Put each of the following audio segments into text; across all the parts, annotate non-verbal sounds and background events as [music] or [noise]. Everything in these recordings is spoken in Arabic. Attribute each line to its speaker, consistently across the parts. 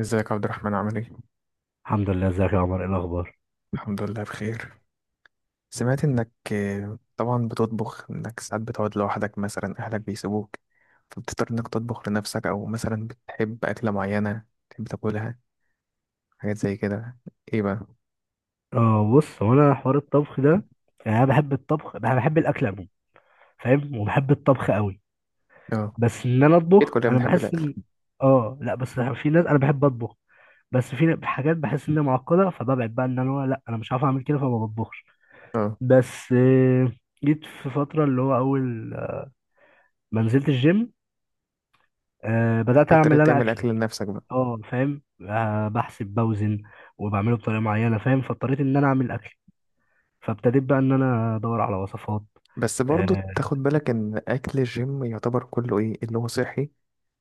Speaker 1: ازيك يا عبد الرحمن، عامل ايه؟
Speaker 2: الحمد لله، ازيك يا عمر؟ ايه الاخبار؟
Speaker 1: الحمد لله بخير. سمعت انك طبعا بتطبخ، انك ساعات بتقعد لوحدك، مثلا اهلك بيسيبوك فبتضطر انك تطبخ لنفسك، او مثلا بتحب اكلة معينة تحب تاكلها، حاجات زي كده. ايه بقى؟
Speaker 2: اه، بص، هو انا حوار الطبخ ده، يعني انا بحب الطبخ، انا بحب الاكل عموما، فاهم، وبحب الطبخ قوي.
Speaker 1: اه،
Speaker 2: بس ان انا
Speaker 1: اكيد
Speaker 2: اطبخ،
Speaker 1: كلنا
Speaker 2: انا
Speaker 1: بنحب
Speaker 2: بحس
Speaker 1: الاكل.
Speaker 2: ان... اه لا، بس في ناس، انا بحب اطبخ، بس في حاجات بحس ان هي معقده، فببعد بقى ان انا، لا انا مش عارف اعمل كده، فما بطبخش.
Speaker 1: اه،
Speaker 2: بس جيت في فتره اللي هو اول ما نزلت الجيم، بدات اعمل
Speaker 1: اضطريت
Speaker 2: انا
Speaker 1: تعمل اكل
Speaker 2: اكلي.
Speaker 1: لنفسك بقى.
Speaker 2: اه فاهم، بحسب بوزن وبعمله بطريقه معينه، فاهم، فاضطريت ان انا اعمل اكل، فابتديت بقى ان انا ادور على وصفات.
Speaker 1: بس برضو
Speaker 2: آه،
Speaker 1: تاخد بالك ان اكل الجيم يعتبر كله ايه اللي هو صحي،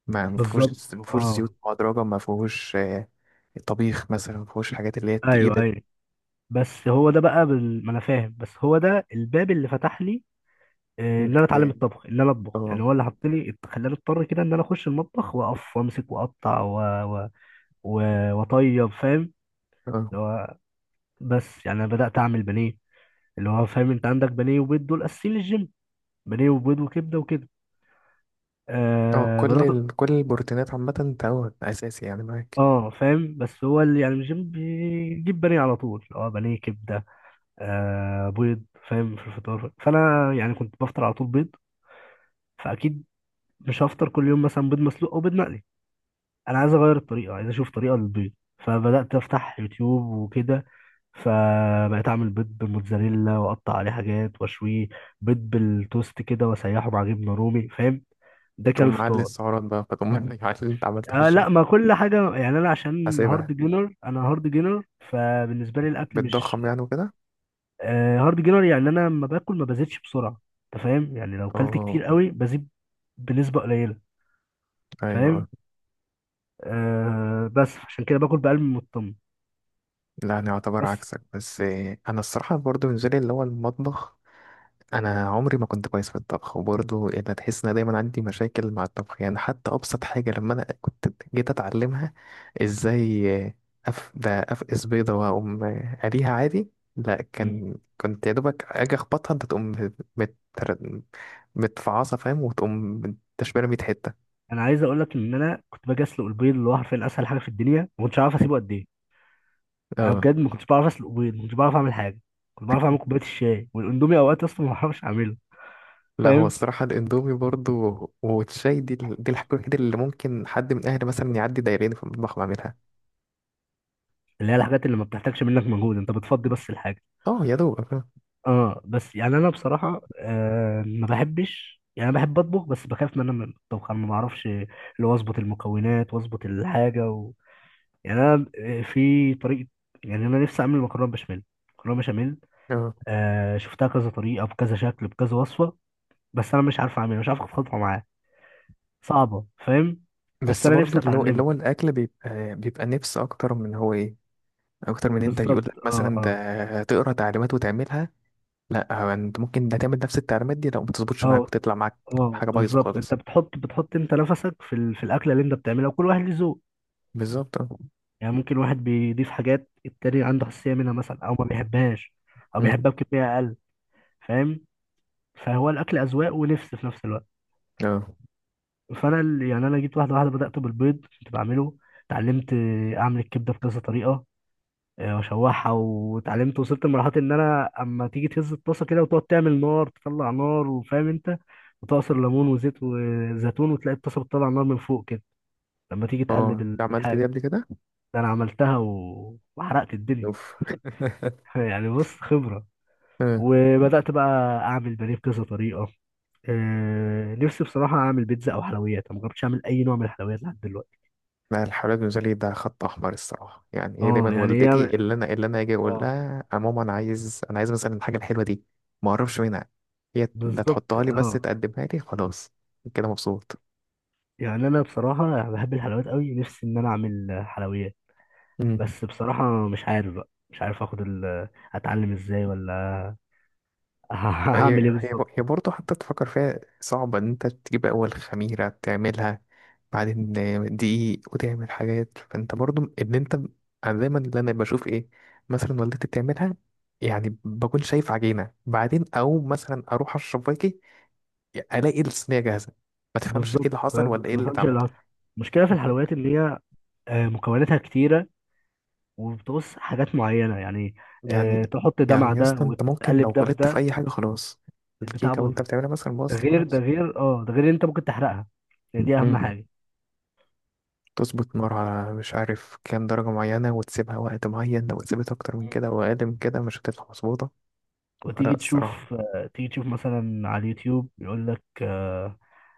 Speaker 1: ما
Speaker 2: بالظبط،
Speaker 1: فيهوش ما فيهوش
Speaker 2: اه،
Speaker 1: زيوت مهدرجة، ما فيهوش طبيخ مثلا، ما فيهوش الحاجات اللي هي
Speaker 2: ايوه
Speaker 1: التقيلة.
Speaker 2: ايوه. بس هو ده بقى ما انا فاهم، بس هو ده الباب اللي فتح لي، ان
Speaker 1: انك
Speaker 2: انا
Speaker 1: ت-
Speaker 2: اتعلم الطبخ، ان انا اطبخ، يعني
Speaker 1: اه،
Speaker 2: هو اللي حط لي، خلاني اضطر كده ان انا اخش المطبخ، واقف وامسك واقطع و... و... واطيب، فاهم،
Speaker 1: اه،
Speaker 2: اللي هو، بس يعني انا بدات اعمل بانيه، اللي هو فاهم، انت عندك بانيه وبيض دول اساسيين للجيم، بانيه وبيض وكبده وكده.
Speaker 1: اه،
Speaker 2: بدات.
Speaker 1: كل البروتينات عامة تعود أساسي يعني معاك.
Speaker 2: اه فاهم، بس هو اللي يعني الجيم بيجيب بانيه على طول، اه بانيه كبده، بيض، فاهم، في الفطار. فانا يعني كنت بفطر على طول بيض، فاكيد مش هفطر كل يوم مثلا بيض مسلوق او بيض مقلي، انا عايز اغير الطريقه، عايز اشوف طريقه للبيض. فبدات افتح يوتيوب وكده، فبقيت اعمل بيض بالموتزاريلا واقطع عليه حاجات واشويه، بيض بالتوست كده واسيحه مع جبنه رومي، فاهم، ده كان
Speaker 1: تقوم معلي
Speaker 2: الفطار.
Speaker 1: السعرات بقى، فتقوم معلي اللي أنت عملته في الجيم.
Speaker 2: لا، ما كل حاجه، يعني انا عشان هارد
Speaker 1: حاسبها.
Speaker 2: جينر، انا هارد جينر. فبالنسبه لي الاكل مش...
Speaker 1: بتضخم يعني وكده.
Speaker 2: هارد جينر، يعني انا لما باكل ما بزيدش بسرعه، انت فاهم، يعني لو كلت
Speaker 1: اه،
Speaker 2: كتير قوي بزيد بنسبه قليله، فاهم،
Speaker 1: أيوه.
Speaker 2: بس عشان كده باكل بقلب مطمن،
Speaker 1: لا، أنا أعتبر
Speaker 2: بس.
Speaker 1: عكسك بس. أنا الصراحة برضو بالنسبة لي اللي هو المطبخ، انا عمري ما كنت كويس في الطبخ، وبرضه يعني تحس ان أنا دايما عندي مشاكل مع الطبخ. يعني حتى ابسط حاجه لما انا كنت جيت اتعلمها، ازاي؟ ده افقس بيضه واقوم قليها عادي. لا
Speaker 2: مم.
Speaker 1: كان كنت يا دوبك اجي اخبطها انت تقوم مت... متفعصه، فاهم، وتقوم تشبيره 100 حته.
Speaker 2: انا عايز اقول لك ان انا كنت باجي اسلق البيض، اللي هو حرفيا اسهل حاجه في الدنيا، ما كنتش عارف اسيبه قد ايه. انا
Speaker 1: اه،
Speaker 2: بجد ما كنتش بعرف اسلق بيض، ما كنتش بعرف اعمل حاجه، كنت بعرف اعمل كوبايه الشاي والاندومي، اوقات اصلا ما بعرفش اعمله.
Speaker 1: لا هو
Speaker 2: فاهم،
Speaker 1: الصراحه الاندومي برضه والشاي دي الحاجه الوحيده اللي ممكن حد من اهلي مثلا يعدي دايرين في المطبخ ويعملها.
Speaker 2: اللي هي الحاجات اللي ما بتحتاجش منك مجهود، انت بتفضي بس الحاجه.
Speaker 1: اه، يا دوب.
Speaker 2: اه، بس يعني انا بصراحه ما بحبش، يعني انا بحب اطبخ، بس بخاف من الطبخ، انا ما بعرفش اللي هو اظبط المكونات واظبط الحاجه يعني انا، في طريقه، يعني انا نفسي اعمل مكرونه بشاميل، مكرونه بشاميل. شفتها كذا طريقه، بكذا شكل، بكذا وصفه، بس انا مش عارف اعملها، مش عارف اخد خطوه معاها، صعبه، فاهم، بس
Speaker 1: بس
Speaker 2: انا
Speaker 1: برضو
Speaker 2: نفسي
Speaker 1: اللي هو اللي
Speaker 2: اتعلمها.
Speaker 1: هو الاكل بيبقى نفس، اكتر من هو ايه، اكتر من انت يقول لك
Speaker 2: بالظبط، اه،
Speaker 1: مثلا
Speaker 2: اه،
Speaker 1: ده تقرا تعليمات وتعملها. لا، هو انت ممكن ده تعمل نفس التعليمات دي، لو ما تظبطش معاك
Speaker 2: اه،
Speaker 1: وتطلع معاك
Speaker 2: اه،
Speaker 1: حاجه بايظه
Speaker 2: بالظبط. انت
Speaker 1: خالص.
Speaker 2: بتحط انت نفسك في الاكله اللي انت بتعملها، وكل واحد له ذوق،
Speaker 1: بالظبط اه.
Speaker 2: يعني ممكن واحد بيضيف حاجات، التاني عنده حساسية منها مثلا، أو ما بيحبهاش، أو
Speaker 1: أمم.
Speaker 2: بيحبها بكمية أقل، فاهم، فهو الأكل أذواق ونفس في نفس الوقت.
Speaker 1: اه،
Speaker 2: فأنا يعني أنا جيت واحدة واحدة، بدأت بالبيض كنت بعمله، اتعلمت أعمل الكبدة بكذا طريقة، وأشوحها، واتعلمت، وصلت لمرحلة إن أنا أما تيجي تهز الطاسة كده وتقعد تعمل نار، تطلع نار، وفاهم أنت، وتعصر ليمون وزيت وزيتون، وتلاقي الطاسة بتطلع نار من فوق كده لما تيجي تقلب
Speaker 1: اه، ده عملت دي
Speaker 2: الحاجة.
Speaker 1: قبل كده.
Speaker 2: ده أنا عملتها وحرقت الدنيا.
Speaker 1: اوف.
Speaker 2: [laughs] يعني بص، خبرة.
Speaker 1: [laughs] آه.
Speaker 2: وبدأت بقى أعمل بانيه بكذا طريقة. نفسي بصراحة أعمل بيتزا أو حلويات، أنا مجربتش أعمل أي نوع من الحلويات لحد دلوقتي.
Speaker 1: لا، الحالات بالنسبة لي ده خط أحمر الصراحة. يعني هي
Speaker 2: أه
Speaker 1: دايما
Speaker 2: يعني هي،
Speaker 1: والدتي اللي أنا أجي أقول
Speaker 2: أه
Speaker 1: لها يا ماما، أنا عايز مثلا الحاجة الحلوة دي، ما أعرفش منها، هي ده
Speaker 2: بالظبط،
Speaker 1: تحطها لي، بس
Speaker 2: أه،
Speaker 1: تقدمها لي خلاص، كده مبسوط.
Speaker 2: يعني أنا بصراحة بحب الحلويات أوي، نفسي إن أنا أعمل حلويات،
Speaker 1: مم.
Speaker 2: بس بصراحة مش عارف بقى، مش عارف آخد ال... أتعلم إزاي ولا... [laughs]
Speaker 1: هي
Speaker 2: هعمل إيه
Speaker 1: هي ب-
Speaker 2: بالظبط؟
Speaker 1: هي برضه حتى تفكر فيها صعبة، إن أنت تجيب أول خميرة تعملها، بعدين دقيق وتعمل حاجات، فأنت برضه إن أنت أنا دايما اللي أنا بشوف إيه، مثلا والدتي بتعملها، يعني بكون شايف عجينة، بعدين أو مثلا أروح أشرب باقي الاقي الصينيه جاهزه، ما تفهمش ايه
Speaker 2: بالظبط،
Speaker 1: اللي حصل
Speaker 2: فاهم؟
Speaker 1: ولا ايه
Speaker 2: ما
Speaker 1: اللي
Speaker 2: بفهمش
Speaker 1: اتعمل.
Speaker 2: اللي حصل. المشكلة في الحلويات إن هي مكوناتها كتيرة، وبتقص حاجات معينة، يعني
Speaker 1: يعني
Speaker 2: تحط ده مع
Speaker 1: يعني يا
Speaker 2: ده،
Speaker 1: اسطى انت ممكن لو
Speaker 2: وتقلب ده في
Speaker 1: غلطت في
Speaker 2: ده،
Speaker 1: اي حاجه خلاص،
Speaker 2: البتاع
Speaker 1: الكيكه
Speaker 2: باظت
Speaker 1: وانت
Speaker 2: ده،
Speaker 1: بتعملها مثلا باظت
Speaker 2: غير ده،
Speaker 1: خلاص.
Speaker 2: غير ده، غير ان انت ممكن تحرقها، يعني دي اهم
Speaker 1: مم.
Speaker 2: حاجه.
Speaker 1: تظبط نار على مش عارف كام درجه معينه، وتسيبها وقت معين، لو اتسابت اكتر من
Speaker 2: مم.
Speaker 1: كده او اقل من كده مش هتطلع مظبوطه. لا
Speaker 2: وتيجي
Speaker 1: الصراحه.
Speaker 2: تشوف، آه، تيجي تشوف مثلا على اليوتيوب يقول لك آه،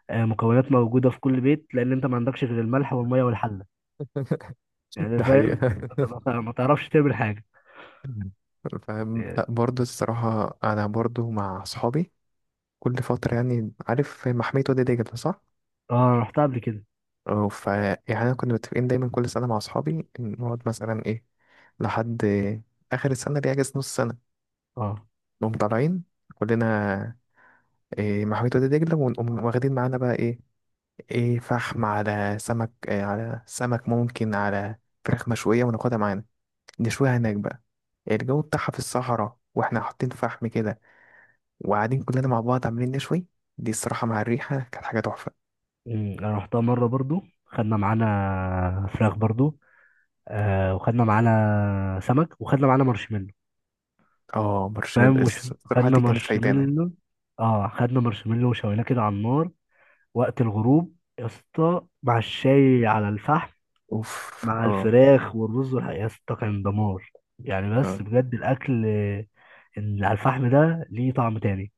Speaker 2: آه، مكونات موجوده في كل بيت، لان انت ما عندكش غير الملح والميه والحله،
Speaker 1: [laughs]
Speaker 2: يعني
Speaker 1: ده حقيقة.
Speaker 2: فاهم أنت، ما تعرفش تعمل حاجه،
Speaker 1: مم. فاهم. لا
Speaker 2: يعني-
Speaker 1: برضه الصراحه انا برضه مع اصحابي كل فتره، يعني عارف محميه وادي دجله، صح؟
Speaker 2: اه انا رحتها قبل كده،
Speaker 1: اه، ف يعني انا كنا متفقين دايما كل سنه مع اصحابي إن نقعد مثلا ايه لحد اخر السنه، اللي هي اجازه نص سنه،
Speaker 2: اه.
Speaker 1: نقوم طالعين كلنا، إيه، محمية وادي دجله، ونقوم واخدين معانا بقى ايه فحم، على سمك، إيه على سمك، ممكن على فراخ مشويه، وناخدها معانا نشويها هناك بقى. الجو بتاعها في الصحراء واحنا حاطين فحم كده، وقاعدين كلنا مع بعض عاملين نشوي، دي الصراحه مع الريحه كانت حاجه تحفه.
Speaker 2: انا رحتها مره برضو، خدنا معانا فراخ برضو، وخدنا معانا سمك، وخدنا معانا مارشميلو،
Speaker 1: اه، مارشميلو
Speaker 2: فاهم،
Speaker 1: الصراحه
Speaker 2: خدنا
Speaker 1: دي كانت فايتانه.
Speaker 2: مارشميلو، وشويناه كده على النار، وقت الغروب، يا اسطى مع الشاي على الفحم،
Speaker 1: اوف،
Speaker 2: مع
Speaker 1: اه.
Speaker 2: الفراخ والرز يا اسطى كان دمار. يعني
Speaker 1: اه،
Speaker 2: بس بجد الاكل اللي على الفحم ده، ليه طعم تاني.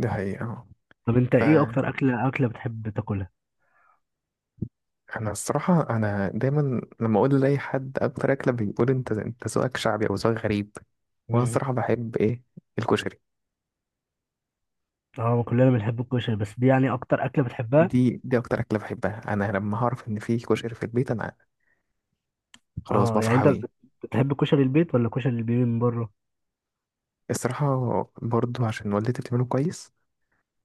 Speaker 1: دي حقيقة
Speaker 2: طب انت
Speaker 1: اه.
Speaker 2: ايه
Speaker 1: آه،
Speaker 2: اكتر اكله بتحب تاكلها؟
Speaker 1: أنا الصراحة أنا دايما لما أقول لأي حد أكتر أكلة بيقول أنت ذوقك شعبي أو ذوقك غريب. وأنا
Speaker 2: مم.
Speaker 1: الصراحة بحب إيه، الكشري.
Speaker 2: اه، كلنا بنحب الكشري، بس دي يعني اكتر اكله بتحبها.
Speaker 1: دي أكتر أكلة بحبها، أنا لما هعرف إن في كشري في البيت أنا خلاص
Speaker 2: اه يعني
Speaker 1: بفرح
Speaker 2: انت
Speaker 1: أوي.
Speaker 2: بتحب كشري البيت ولا كشري اللي بيجي من بره؟
Speaker 1: الصراحة برضو عشان والدتي بتعمله كويس،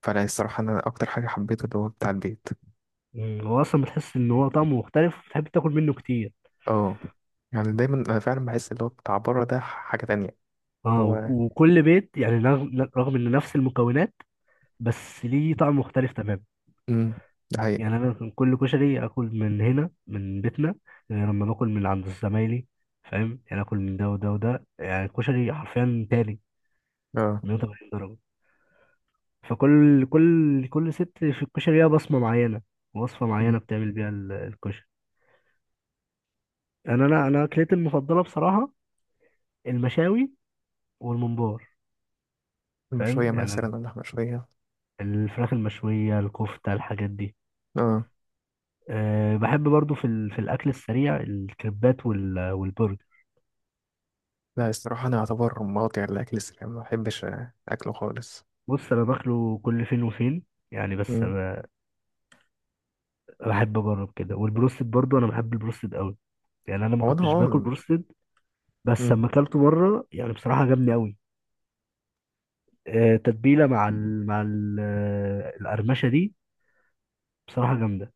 Speaker 1: فأنا الصراحة أنا أكتر حاجة حبيته اللي هو بتاع البيت.
Speaker 2: مم، هو اصلا بتحس ان هو طعمه مختلف وبتحب تاكل منه كتير.
Speaker 1: أه. يعني دايما أنا فعلا بحس اللي هو بتاع بره ده حاجة تانية. اللي
Speaker 2: اه،
Speaker 1: هو
Speaker 2: وكل بيت يعني، رغم ان نفس المكونات، بس ليه طعم مختلف تماما.
Speaker 1: أمم، ده حقيقة.
Speaker 2: يعني انا كان كل كشري اكل من هنا من بيتنا، غير لما باكل من عند زمايلي، فاهم، يعني اكل من ده وده وده، يعني الكشري حرفيا تاني،
Speaker 1: أه.
Speaker 2: 180 درجه. فكل كل كل ست في الكشري ليها بصمه معينه، وصفه معينه بتعمل بيها الكشري. انا اكلتي المفضله بصراحه المشاوي والممبار، فاهم،
Speaker 1: المشوية
Speaker 2: يعني
Speaker 1: مثلا،
Speaker 2: أنا
Speaker 1: اللحمة المشوية.
Speaker 2: الفراخ المشويه، الكفته، الحاجات دي.
Speaker 1: اه
Speaker 2: أه بحب برضو في الاكل السريع، الكريبات والبرجر.
Speaker 1: لا، الصراحة أنا أعتبر مقاطع الأكل السريع ما بحبش أكله خالص.
Speaker 2: بص انا باكله كل فين وفين، يعني بس
Speaker 1: مم.
Speaker 2: انا بحب اجرب كده، والبروستد برضو انا بحب البروستد قوي، يعني انا ما
Speaker 1: هو أنا
Speaker 2: كنتش باكل
Speaker 1: هو
Speaker 2: بروستد، بس لما اكلته مره يعني بصراحه جامد قوي. تتبيله مع ال القرمشه دي بصراحه جامده.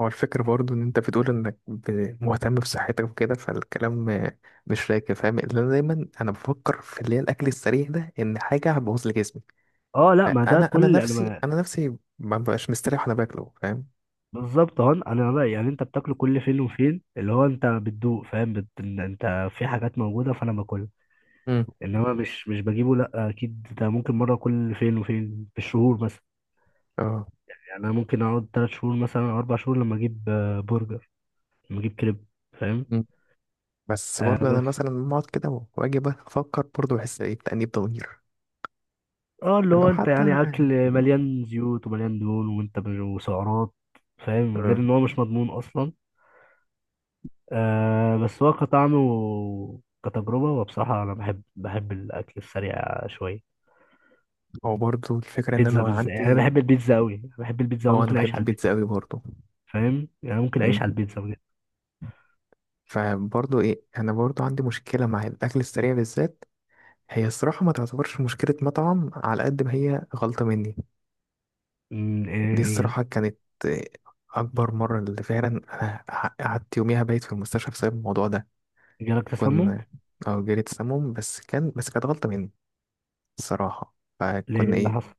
Speaker 1: هو الفكرة برضو إن أنت بتقول إنك مهتم بصحتك وكده، فالكلام مش راكب فاهم، لأن أنا دايما أنا بفكر في اللي هي الأكل السريع ده إن حاجة هتبوظ لي جسمي.
Speaker 2: اه لا، ما ده
Speaker 1: فأنا أنا
Speaker 2: كل، انا
Speaker 1: نفسي
Speaker 2: ما...
Speaker 1: أنا نفسي ما ببقاش مستريح وأنا باكله، فاهم.
Speaker 2: بالظبط، اهو انا بقى، يعني انت بتاكله كل فين وفين، اللي هو انت بتدوق، فاهم، إن انت في حاجات موجوده فانا باكلها،
Speaker 1: مم.
Speaker 2: انما مش، بجيبه لا، اكيد ده ممكن مره كل فين وفين في الشهور.
Speaker 1: اه.
Speaker 2: يعني انا ممكن اقعد ثلاث شهور مثلا او اربع شهور لما اجيب برجر، لما اجيب كريب، فاهم،
Speaker 1: مم. بس برضو أنا
Speaker 2: بس
Speaker 1: مثلا بقعد كده وأجي أفكر، برضو بحس إيه، بتأنيب ضمير
Speaker 2: اه، اللي هو
Speaker 1: لو
Speaker 2: انت
Speaker 1: حتى.
Speaker 2: يعني اكل مليان زيوت ومليان دهون، وانت وسعرات، فاهم، غير
Speaker 1: آه،
Speaker 2: ان هو مش مضمون اصلا. بس هو كطعم وكتجربة، وبصراحة انا بحب الاكل السريع شوية،
Speaker 1: هو برضو الفكرة إن أنا
Speaker 2: بيتزا بالذات، يعني انا
Speaker 1: عندي،
Speaker 2: بحب البيتزا قوي، بحب البيتزا
Speaker 1: اه انا
Speaker 2: وممكن اعيش
Speaker 1: بحب
Speaker 2: على
Speaker 1: البيتزا
Speaker 2: البيتزا،
Speaker 1: قوي برضو.
Speaker 2: فاهم، يعني ممكن
Speaker 1: مم.
Speaker 2: اعيش على البيتزا بجد.
Speaker 1: فبرضو ايه، انا برضو عندي مشكلة مع الاكل السريع بالذات. هي الصراحة ما تعتبرش مشكلة مطعم، على قد ما هي غلطة مني. دي
Speaker 2: ايه،
Speaker 1: الصراحة كانت آه، اكبر مرة اللي فعلا انا قعدت يوميها بايت في المستشفى بسبب الموضوع ده.
Speaker 2: جالك تسمم؟
Speaker 1: كنا اه جالي سموم، بس كانت غلطة مني الصراحة.
Speaker 2: ليه؟ إيه
Speaker 1: فكنا
Speaker 2: اللي
Speaker 1: ايه،
Speaker 2: حصل؟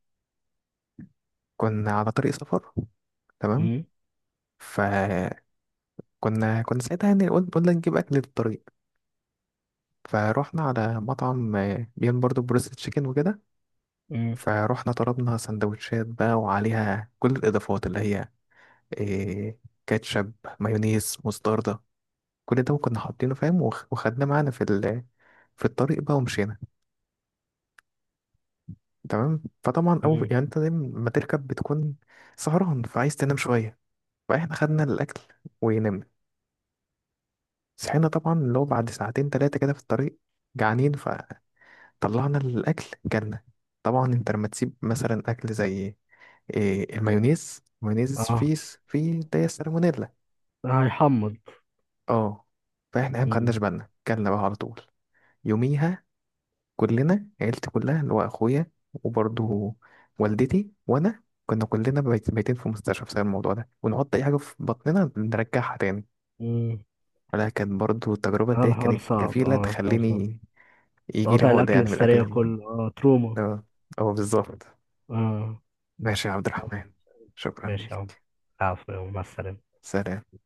Speaker 1: كنا على طريق سفر، تمام.
Speaker 2: امم.
Speaker 1: فكنا كنا ساعتها يعني قلنا نجيب اكل للطريق، فروحنا على مطعم بيعمل برضه بروست تشيكن وكده.
Speaker 2: امم.
Speaker 1: فروحنا طلبنا سندوتشات بقى، وعليها كل الإضافات اللي هي إيه، كاتشب، مايونيز، مستردة، كل ده كنا حاطينه فاهم، وخدناه معانا في الطريق بقى ومشينا. تمام، فطبعا أول
Speaker 2: امم.
Speaker 1: يعني أنت دايما ما تركب بتكون سهران، فعايز تنام شوية، فإحنا خدنا الأكل ونمنا. صحينا طبعا اللي هو بعد ساعتين تلاتة كده في الطريق، جعانين، فطلعنا الأكل جالنا. طبعا انت لما تسيب مثلا اكل زي إيه، المايونيز، المايونيز
Speaker 2: اه،
Speaker 1: فيه ده سالمونيلا.
Speaker 2: هيحمض.
Speaker 1: اه. فاحنا إيه، ما خدناش
Speaker 2: مم.
Speaker 1: بالنا، كلنا بقى على طول يوميها، كلنا، عيلتي كلها اللي هو اخويا وبرضه والدتي وانا، كنا كلنا بايتين في مستشفى بسبب الموضوع ده، ونحط اي حاجه في بطننا نرجعها تاني.
Speaker 2: مم.
Speaker 1: ولا، كانت برضه التجربه
Speaker 2: اه
Speaker 1: دي
Speaker 2: الحوار
Speaker 1: كانت
Speaker 2: صعب،
Speaker 1: كفيله
Speaker 2: اه الحوار صعب،
Speaker 1: تخليني يجي لي
Speaker 2: تقاطع
Speaker 1: عقده،
Speaker 2: الأكل
Speaker 1: يعني من الاكل
Speaker 2: السريع كله، اه تروما.
Speaker 1: اه. اه، بالظبط.
Speaker 2: اه.
Speaker 1: ماشي يا عبد الرحمن، شكرا
Speaker 2: ماشي يا عم.
Speaker 1: ليك.
Speaker 2: العفو يا عم. مع السلامة.
Speaker 1: سلام.